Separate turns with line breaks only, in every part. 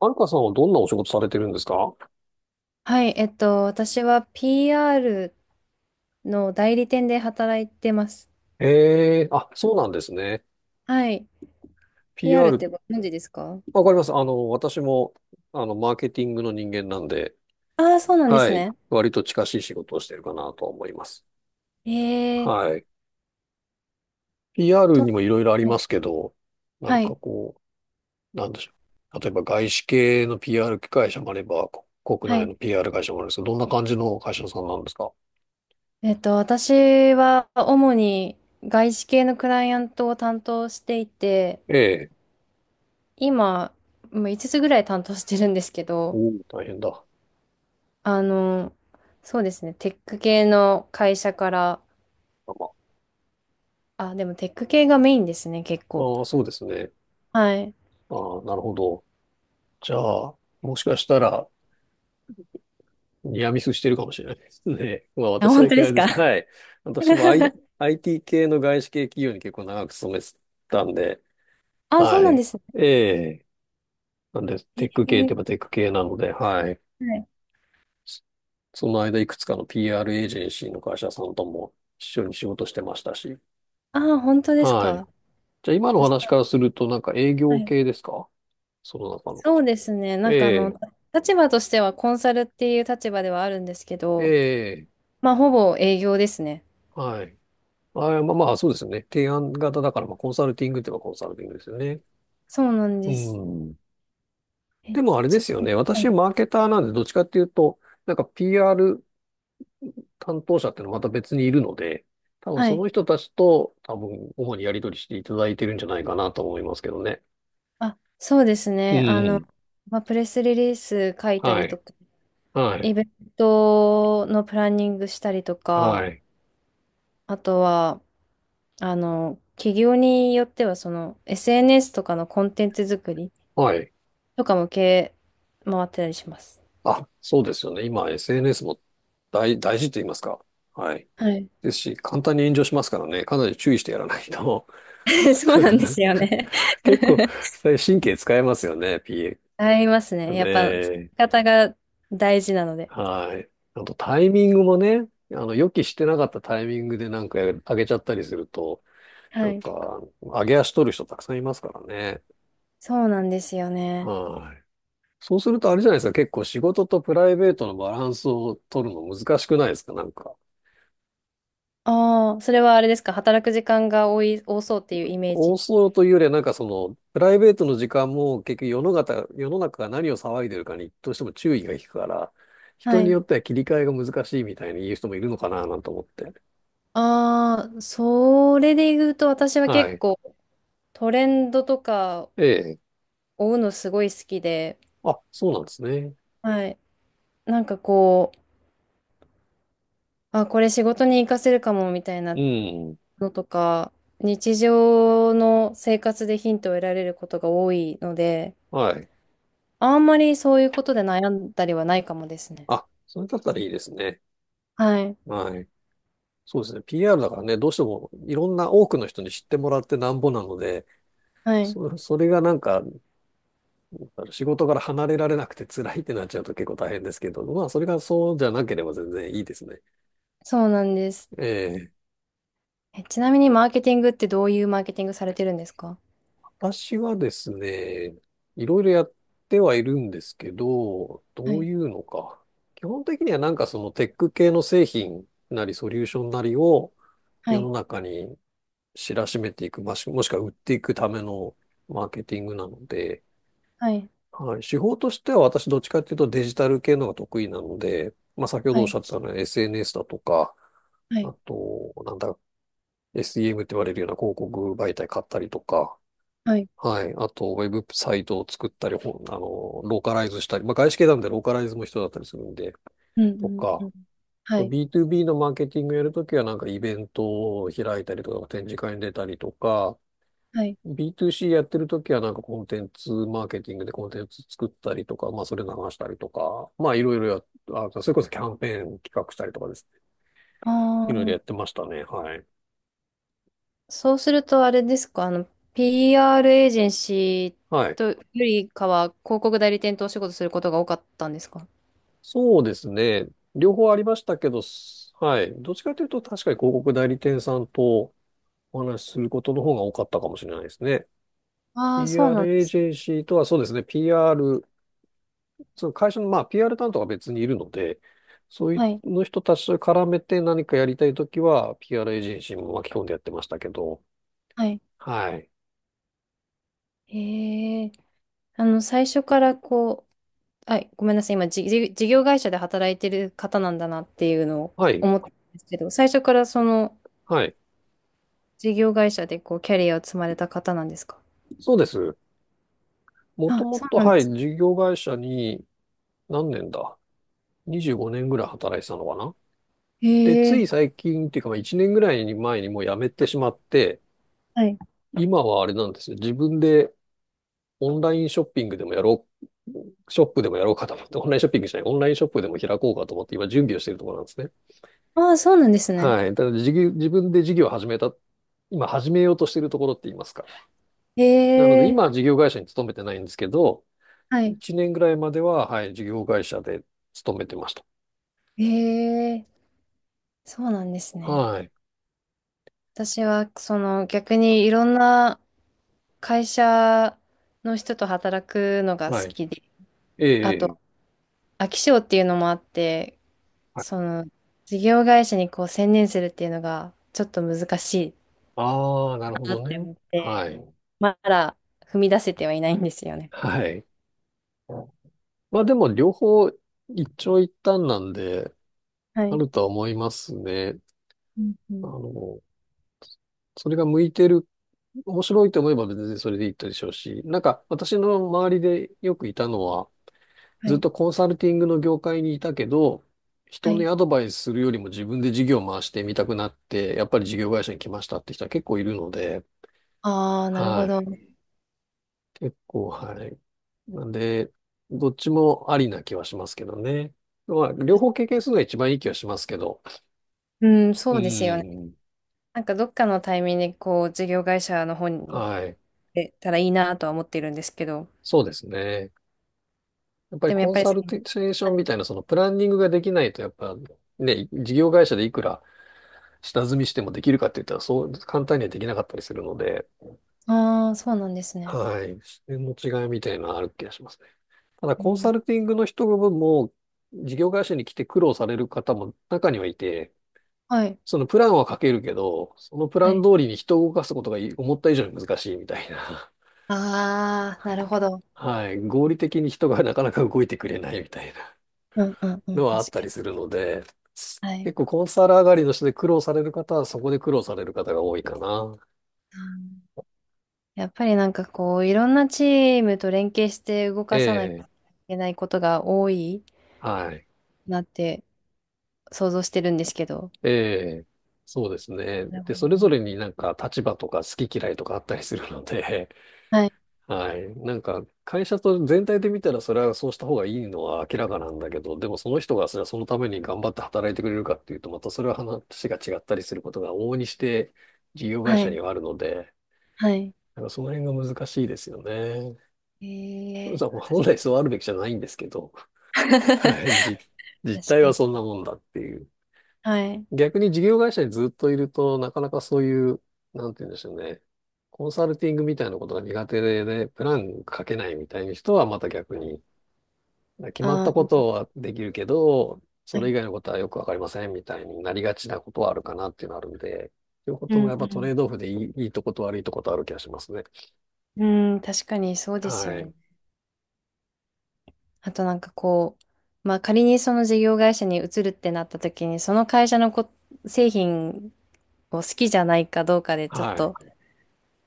はるかさんはどんなお仕事されてるんですか？
はい、私は PR の代理店で働いてます。
ええーあ、そうなんですね。
はい。PR っ
PR、
てご存知ですか？
わかります。私も、マーケティングの人間なんで、
ああー、そうなんで
は
す
い。
ね。
割と近しい仕事をしてるかなと思います。
えー
はい。PR
と、
にもいろいろあり
は
ま
い、
すけど、なん
は
か
い、
こう、なんでしょう。例えば外資系の PR 会社もあれば、国
は
内
い。
の PR 会社もあるんですけど、どんな感じの会社さんなんですか？
私は主に外資系のクライアントを担当していて、
ええ。
今、もう5つぐらい担当してるんですけど、
おー大変だ。
あの、そうですね、テック系の会社から、
まあ、
あ、でもテック系がメインですね、結
あ
構。
ー、そうですね。
はい。
ああ、なるほど。じゃあ、もしかしたら、いや、ミスしてるかもしれないですね。まあ
あ、
私
本
だ
当
け
で
あれ
す
ですけど、
か？
はい。私も、I、IT 系の外資系企業に結構長く勤めてたんで、
あ、そう
は
なんで
い。
す
ええ。なんで、テ
ね。
ック系って言えばテック系なので、はい。
はい。
そその間、いくつかの PR エージェンシーの会社さんとも一緒に仕事してましたし、
あー、本当です
はい。
か。
じゃあ今のお
そし
話
たら
からすると、なんか営
は
業
い。
系ですか？その中の。
そうですね。
え
なんか
え、
立場としてはコンサルっていう立場ではあるんですけ
え
ど、
え、
まあ、ほぼ営業ですね。
はい。あー、まあまあ、そうですよね。提案型だから、まあ、コンサルティングって言えばコンサルティングですよね。
そうなん
う
です。
ん。
え、
でもあれで
ちな
すよ
みに、
ね。
は
私、
い。
マーケターなんで、どっちかっていうと、なんか PR 担当者っていうのはまた別にいるので、多分
は
そ
い。
の人たちと、多分、主にやり取りしていただいてるんじゃないかなと思いますけどね。
あ、そうです
う
ね。
ん。
まあ、プレスリリース書いた
は
り
い。
とか、
はい。
イベントのプランニングしたりと
は
か、
い。
あとは、企業によっては、SNS とかのコンテンツ作り、
はい。
とかも系回ってたりします。
あ、そうですよね。今、SNS も大事って言いますか。はい。
はい。
ですし、簡単に炎上しますからね。かなり注意してやらないと。
そうなんですよね。
結構、神経使えますよね、
ありますね。
PA。ね
やっぱ、使
え
い方が大事なので。
はい。あとタイミングもね、あの、予期してなかったタイミングでなんか上げちゃったりすると、な
は
ん
い。
か、上げ足取る人たくさんいますからね。
そうなんですよね。
はい。そうするとあれじゃないですか、結構仕事とプライベートのバランスを取るの難しくないですか、なんか。
ああ、それはあれですか。働く時間が多い、多そうっていうイメー
多
ジ。
そうというよりは、なんかその、プライベートの時間も結局世の中が何を騒いでるかにどうしても注意が引くから、人
は
に
い。
よっては切り替えが難しいみたいに言う人もいるのかな、なんて思って。
ああ、それで言うと私は
は
結
い。
構トレンドとか
ええ。
追うのすごい好きで、
あ、そうなんですね。
はい。なんかあ、これ仕事に活かせるかもみたい
う
な
ん。
のとか、日常の生活でヒントを得られることが多いので、
はい。
あんまりそういうことで悩んだりはないかもですね。
あ、それだったらいいですね。
はい。
はい。そうですね。PR だからね、どうしてもいろんな多くの人に知ってもらってなんぼなので、
はい。
それがなんか、仕事から離れられなくて辛いってなっちゃうと結構大変ですけど、まあ、それがそうじゃなければ全然いいですね。
そうなんです。
ええ。
え、ちなみにマーケティングってどういうマーケティングされてるんですか？
私はですね、いろいろやってはいるんですけど、
は
どう
い。
いうのか。基本的にはなんかそのテック系の製品なりソリューションなりを、
は
世の
い。
中に知らしめていく、まあ、もしくは売っていくためのマーケティングなので、
はい。
はい、手法としては私どっちかっていうとデジタル系のが得意なので、まあ、先ほ
は
どおっし
い。
ゃってたのは SNS だとか、
はい。
あと、なんだ、SEM って言われるような広告媒体買ったりとか、
はい。
はい。あと、ウェブサイトを作ったり、ほんあの、ローカライズしたり、まあ、外資系なんでローカライズも必要だったりするんで、
うん
と
うんう
か、
ん。
あ
は
と
い。
B2B のマーケティングやるときは、なんかイベントを開いたりとか、展示会に出たりとか、
はい。
B2C やってるときはなんかコンテンツマーケティングでコンテンツ作ったりとか、まあそれ流したりとか、まあいろいろや、あ、それこそキャンペーン企画したりとかですね。
あ
いろいろやっ
あ、
てましたね。はい。
そうするとあれですか、PR エージェンシ
は
ー
い。
とよりかは広告代理店とお仕事することが多かったんですか？
そうですね。両方ありましたけど、はい。どっちかというと確かに広告代理店さんとお話しすることの方が多かったかもしれないですね。
ああー、そうなん
PR エ
で
ー
す
ジェンシーとはそうですね。PR その会社のまあ PR 担当が別にいるので、そうい
はい。
うの人たちと絡めて何かやりたいときは PR エージェンシーも巻き込んでやってましたけど、
はい。
はい。
へえ。最初からはい、ごめんなさい。今、じ事業会社で働いてる方なんだなっていうのを
はい。
思ったんですけど、最初からその
はい。
事業会社でキャリアを積まれた方なんですか？
そうです。もと
あ、
も
そう
と、
なん
は
で
い、
す。
事業会社に何年だ ?25 年ぐらい働いてたのかな。で、
へ
つい
え。
最近っていうか、まあ1年ぐらい前にもう辞めてしまって、
はい。
今はあれなんですよ。自分でオンラインショッピングでもやろう、ショップでもやろうかと思って、オンラインショッピングじゃない、オンラインショップでも開こうかと思って今準備をしているところなんですね。
ああ、そうなんですね。
はい。ただ事業自分で事業を始めた、今始めようとしているところって言いますか。なので、
へ
今は
え。
事業会社に勤めてないんですけど、
はい。
1年ぐらいまでは、はい、事業会社で勤めてました。
へえ。そうなんですね。
はい。
私は、逆にいろんな会社の人と働くのが好
はい。
きで、
ええ。
あ
ええ
と、飽き性っていうのもあって、
はい、
その、事業会社にこう専念するっていうのが、ちょっと難しい
ああ、なるほ
なっ
ど
て
ね。
思って、
はい。
まだ踏み出せてはいないんですよね。
はい。まあでも、両方一長一短なんで、
は
あ
い。
るとは思いますね。
うんう
あ
ん。
の、それが向いてる、面白いと思えば別にそれでいいでしょうし、なんか私の周りでよくいたのは、
は
ずっ
い。
とコンサルティングの業界にいたけど、
は
人に
い。
アドバイスするよりも自分で事業を回してみたくなって、やっぱり事業会社に来ましたって人は結構いるので、
ああ、なるほ
は
ど。
い。結構、はい。なんで、どっちもありな気はしますけどね。まあ、両方経験するのが一番いい気はしますけど。
うん、
う
そうですよね。
ん。
なんかどっかのタイミングでこう、事業会社の方に行っ
はい。
てたらいいなとは思ってるんですけど、
そうですね。やっぱり
でもや
コ
っ
ン
ぱり
サルテーショ
は
ン
い。
みたいなそのプランニングができないと、やっぱね、事業会社でいくら下積みしてもできるかって言ったらそう簡単にはできなかったりするので、
ああ、そうなんですね。
はい。視点の違いみたいなのはある気がしますね。ただ、
う
コンサ
ん。
ルティングの人も、事業会社に来て苦労される方も中にはいて、
はい。
そのプランは書けるけど、そのプ
は
ラン
い。
通りに人を動かすことが思った以上に難しいみたいな。
ああ、なるほど。
はい。合理的に人がなかなか動いてくれないみたいな
うんうんうん、
のは
確
あっ
か
た
に。
りするので、
はい。
結構コンサル上がりの人で苦労される方はそこで苦労される方が多いかな。
あー、やっぱりなんかいろんなチームと連携して動
え
かさなきゃい
え。
けないことが多い
はい。
なって想像してるんですけど。
ええ、そうですね。
なる
で、
ほど。
それぞれになんか立場とか好き嫌いとかあったりするので、
はい、
はい。なんか会社と全体で見たらそれはそうした方がいいのは明らかなんだけど、でもその人がそれはそのために頑張って働いてくれるかっていうと、またそれは話が違ったりすることが往々にして事業会
は
社に
い、
はあるので、
はい。
なんかその辺が難しいですよね。
えー、
そう
確
本来
か
そうあるべきじゃないんですけど、
に。
は い。実
確
態
か
はそん
に。
なもんだっていう。
はい。
逆に事業会社にずっといると、なかなかそういう、なんて言うんでしょうね。コンサルティングみたいなことが苦手で、プラン書けないみたいな人はまた逆に、決まっ
あ
たこ
ー、
とはできるけど、
は
それ
い。
以外のことはよくわかりませんみたいになりがちなことはあるかなっていうのはあるんで、いうこ
う
ともや
ん、
っ
う
ぱトレ
ん。
ードオフでいいとこと悪いとことある気がしますね。
うん、確かにそうです
は
よ
い。
ね。あとなんかまあ仮にその事業会社に移るってなった時に、その会社の製品を好きじゃないかどうかでちょっ
はい。
と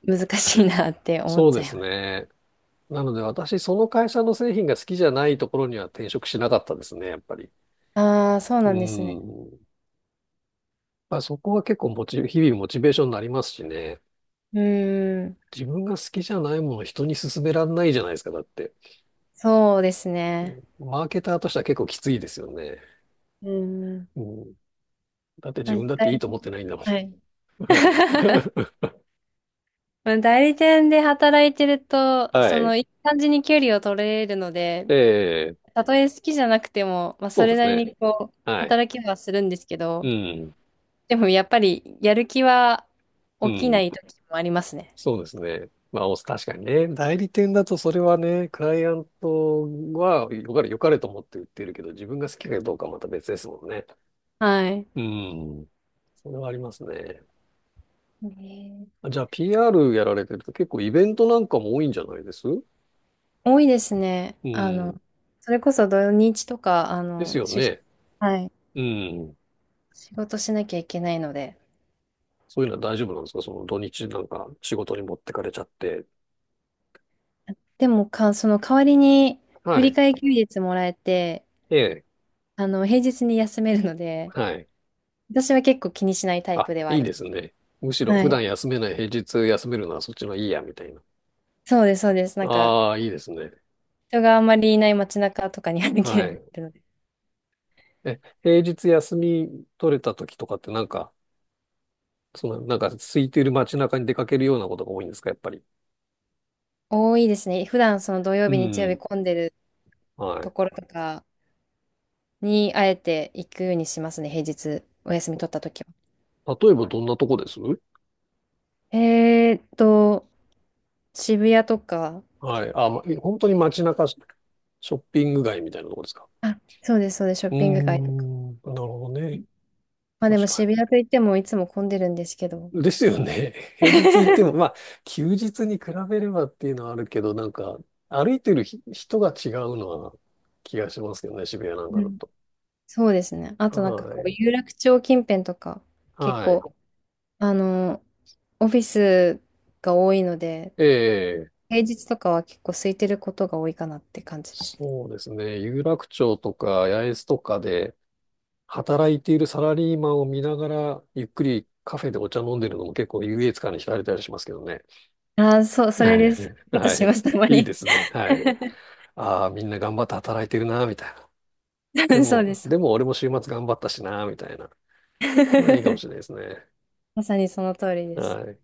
難しいなって思っ
そう
ちゃ
で
い
すね。なので私、その会社の製品が好きじゃないところには転職しなかったですね、やっぱり。
ああ、そう
う
なんですね。
ん。まあ、そこは結構日々モチベーションになりますしね。
うーん、
自分が好きじゃないものを人に勧められないじゃないですか、だって。
そうです
う
ね。
ん、マーケターとしては結構きついですよね。
うーん。
うん、だって
ああ
自分だっていいと思ってないんだも
は
ん。
い。
はい。
まあ代理店で働いてると、
はい。
いい感じに距離を取れるので、
ええ、
たとえ好きじゃなくても、まあ、そ
そうで
れ
す
なり
ね。
にこう、
はい。
働きはするんですけ
う
ど、
ん。
でもやっぱり、やる気は
う
起きな
ん。
い時もありますね。
そうですね。まあ、お確かにね。代理店だとそれはね、クライアントはよかれと思って売ってるけど、自分が好きかどうかはまた別ですもんね。
はい。
うん。それはありますね。
ね、
あ、じゃあ PR やられてると結構イベントなんかも多いんじゃないですう
多いですね。
ん。
それこそ土日とか、
ですよね。
はい。
うん。
仕事しなきゃいけないので。
そういうのは大丈夫なんですか、その土日なんか仕事に持ってかれちゃって。
でもか、その代わりに、振
は
り
い。
替え休日もらえて、
ええ。
平日に休めるので、
はい。
私は結構気にしないタイ
あ、
プではあ
いい
りま
ですね。むし
す。
ろ
は
普
い。
段休めない平日休めるのはそっちのいいや、みたいな。
そうです、そうです。なんか、
ああ、いいですね。
人があんまりいない街中とかに歩
は
ける
い。
ので。
え、平日休み取れた時とかってなんか、その、なんか空いてる街中に出かけるようなことが多いんですか、やっぱり。
多いですね。普段その土
う
曜日、日曜
ん。
日混んでる
は
と
い。
ころとかに、あえて行くようにしますね、平日、お休み取った時は。
例えばどんなとこです、
えーっと、渋谷とか、
はい。あ、ま、本当に街中ショッピング街みたいなところですか。
あ、そうです、そうです、ショ
う
ッ
ー
ピング街とか。
ん、なるほどね。
まあで
確
も
か
渋谷といってもいつも混んでるんですけど。
に。ですよね。平日行っても、まあ、休日に比べればっていうのはあるけど、なんか、歩いてる人が違うのは気がしますけどね、渋谷なんか
う
だ
ん、
と。
そうですね。あ
は
となんか
い。
有楽町近辺とか、結
はい。
構、あの、オフィスが多いので、
ええ、
平日とかは結構空いてることが多いかなって感じですね。
そうですね。有楽町とか八重洲とかで働いているサラリーマンを見ながら、ゆっくりカフェでお茶飲んでるのも結構優越感に浸れたりしますけどね。
ああ、そう、それ
はい。
です。こと
は
し
い。
ます、たま
いい
に。
ですね。はい。ああ、みんな頑張って働いてるな、みたいな。で
そうで
も、
す。
でも俺も週末頑張ったしな、みたいな。まあ、いいかもしれない ですね。
まさにその通りです。
はい。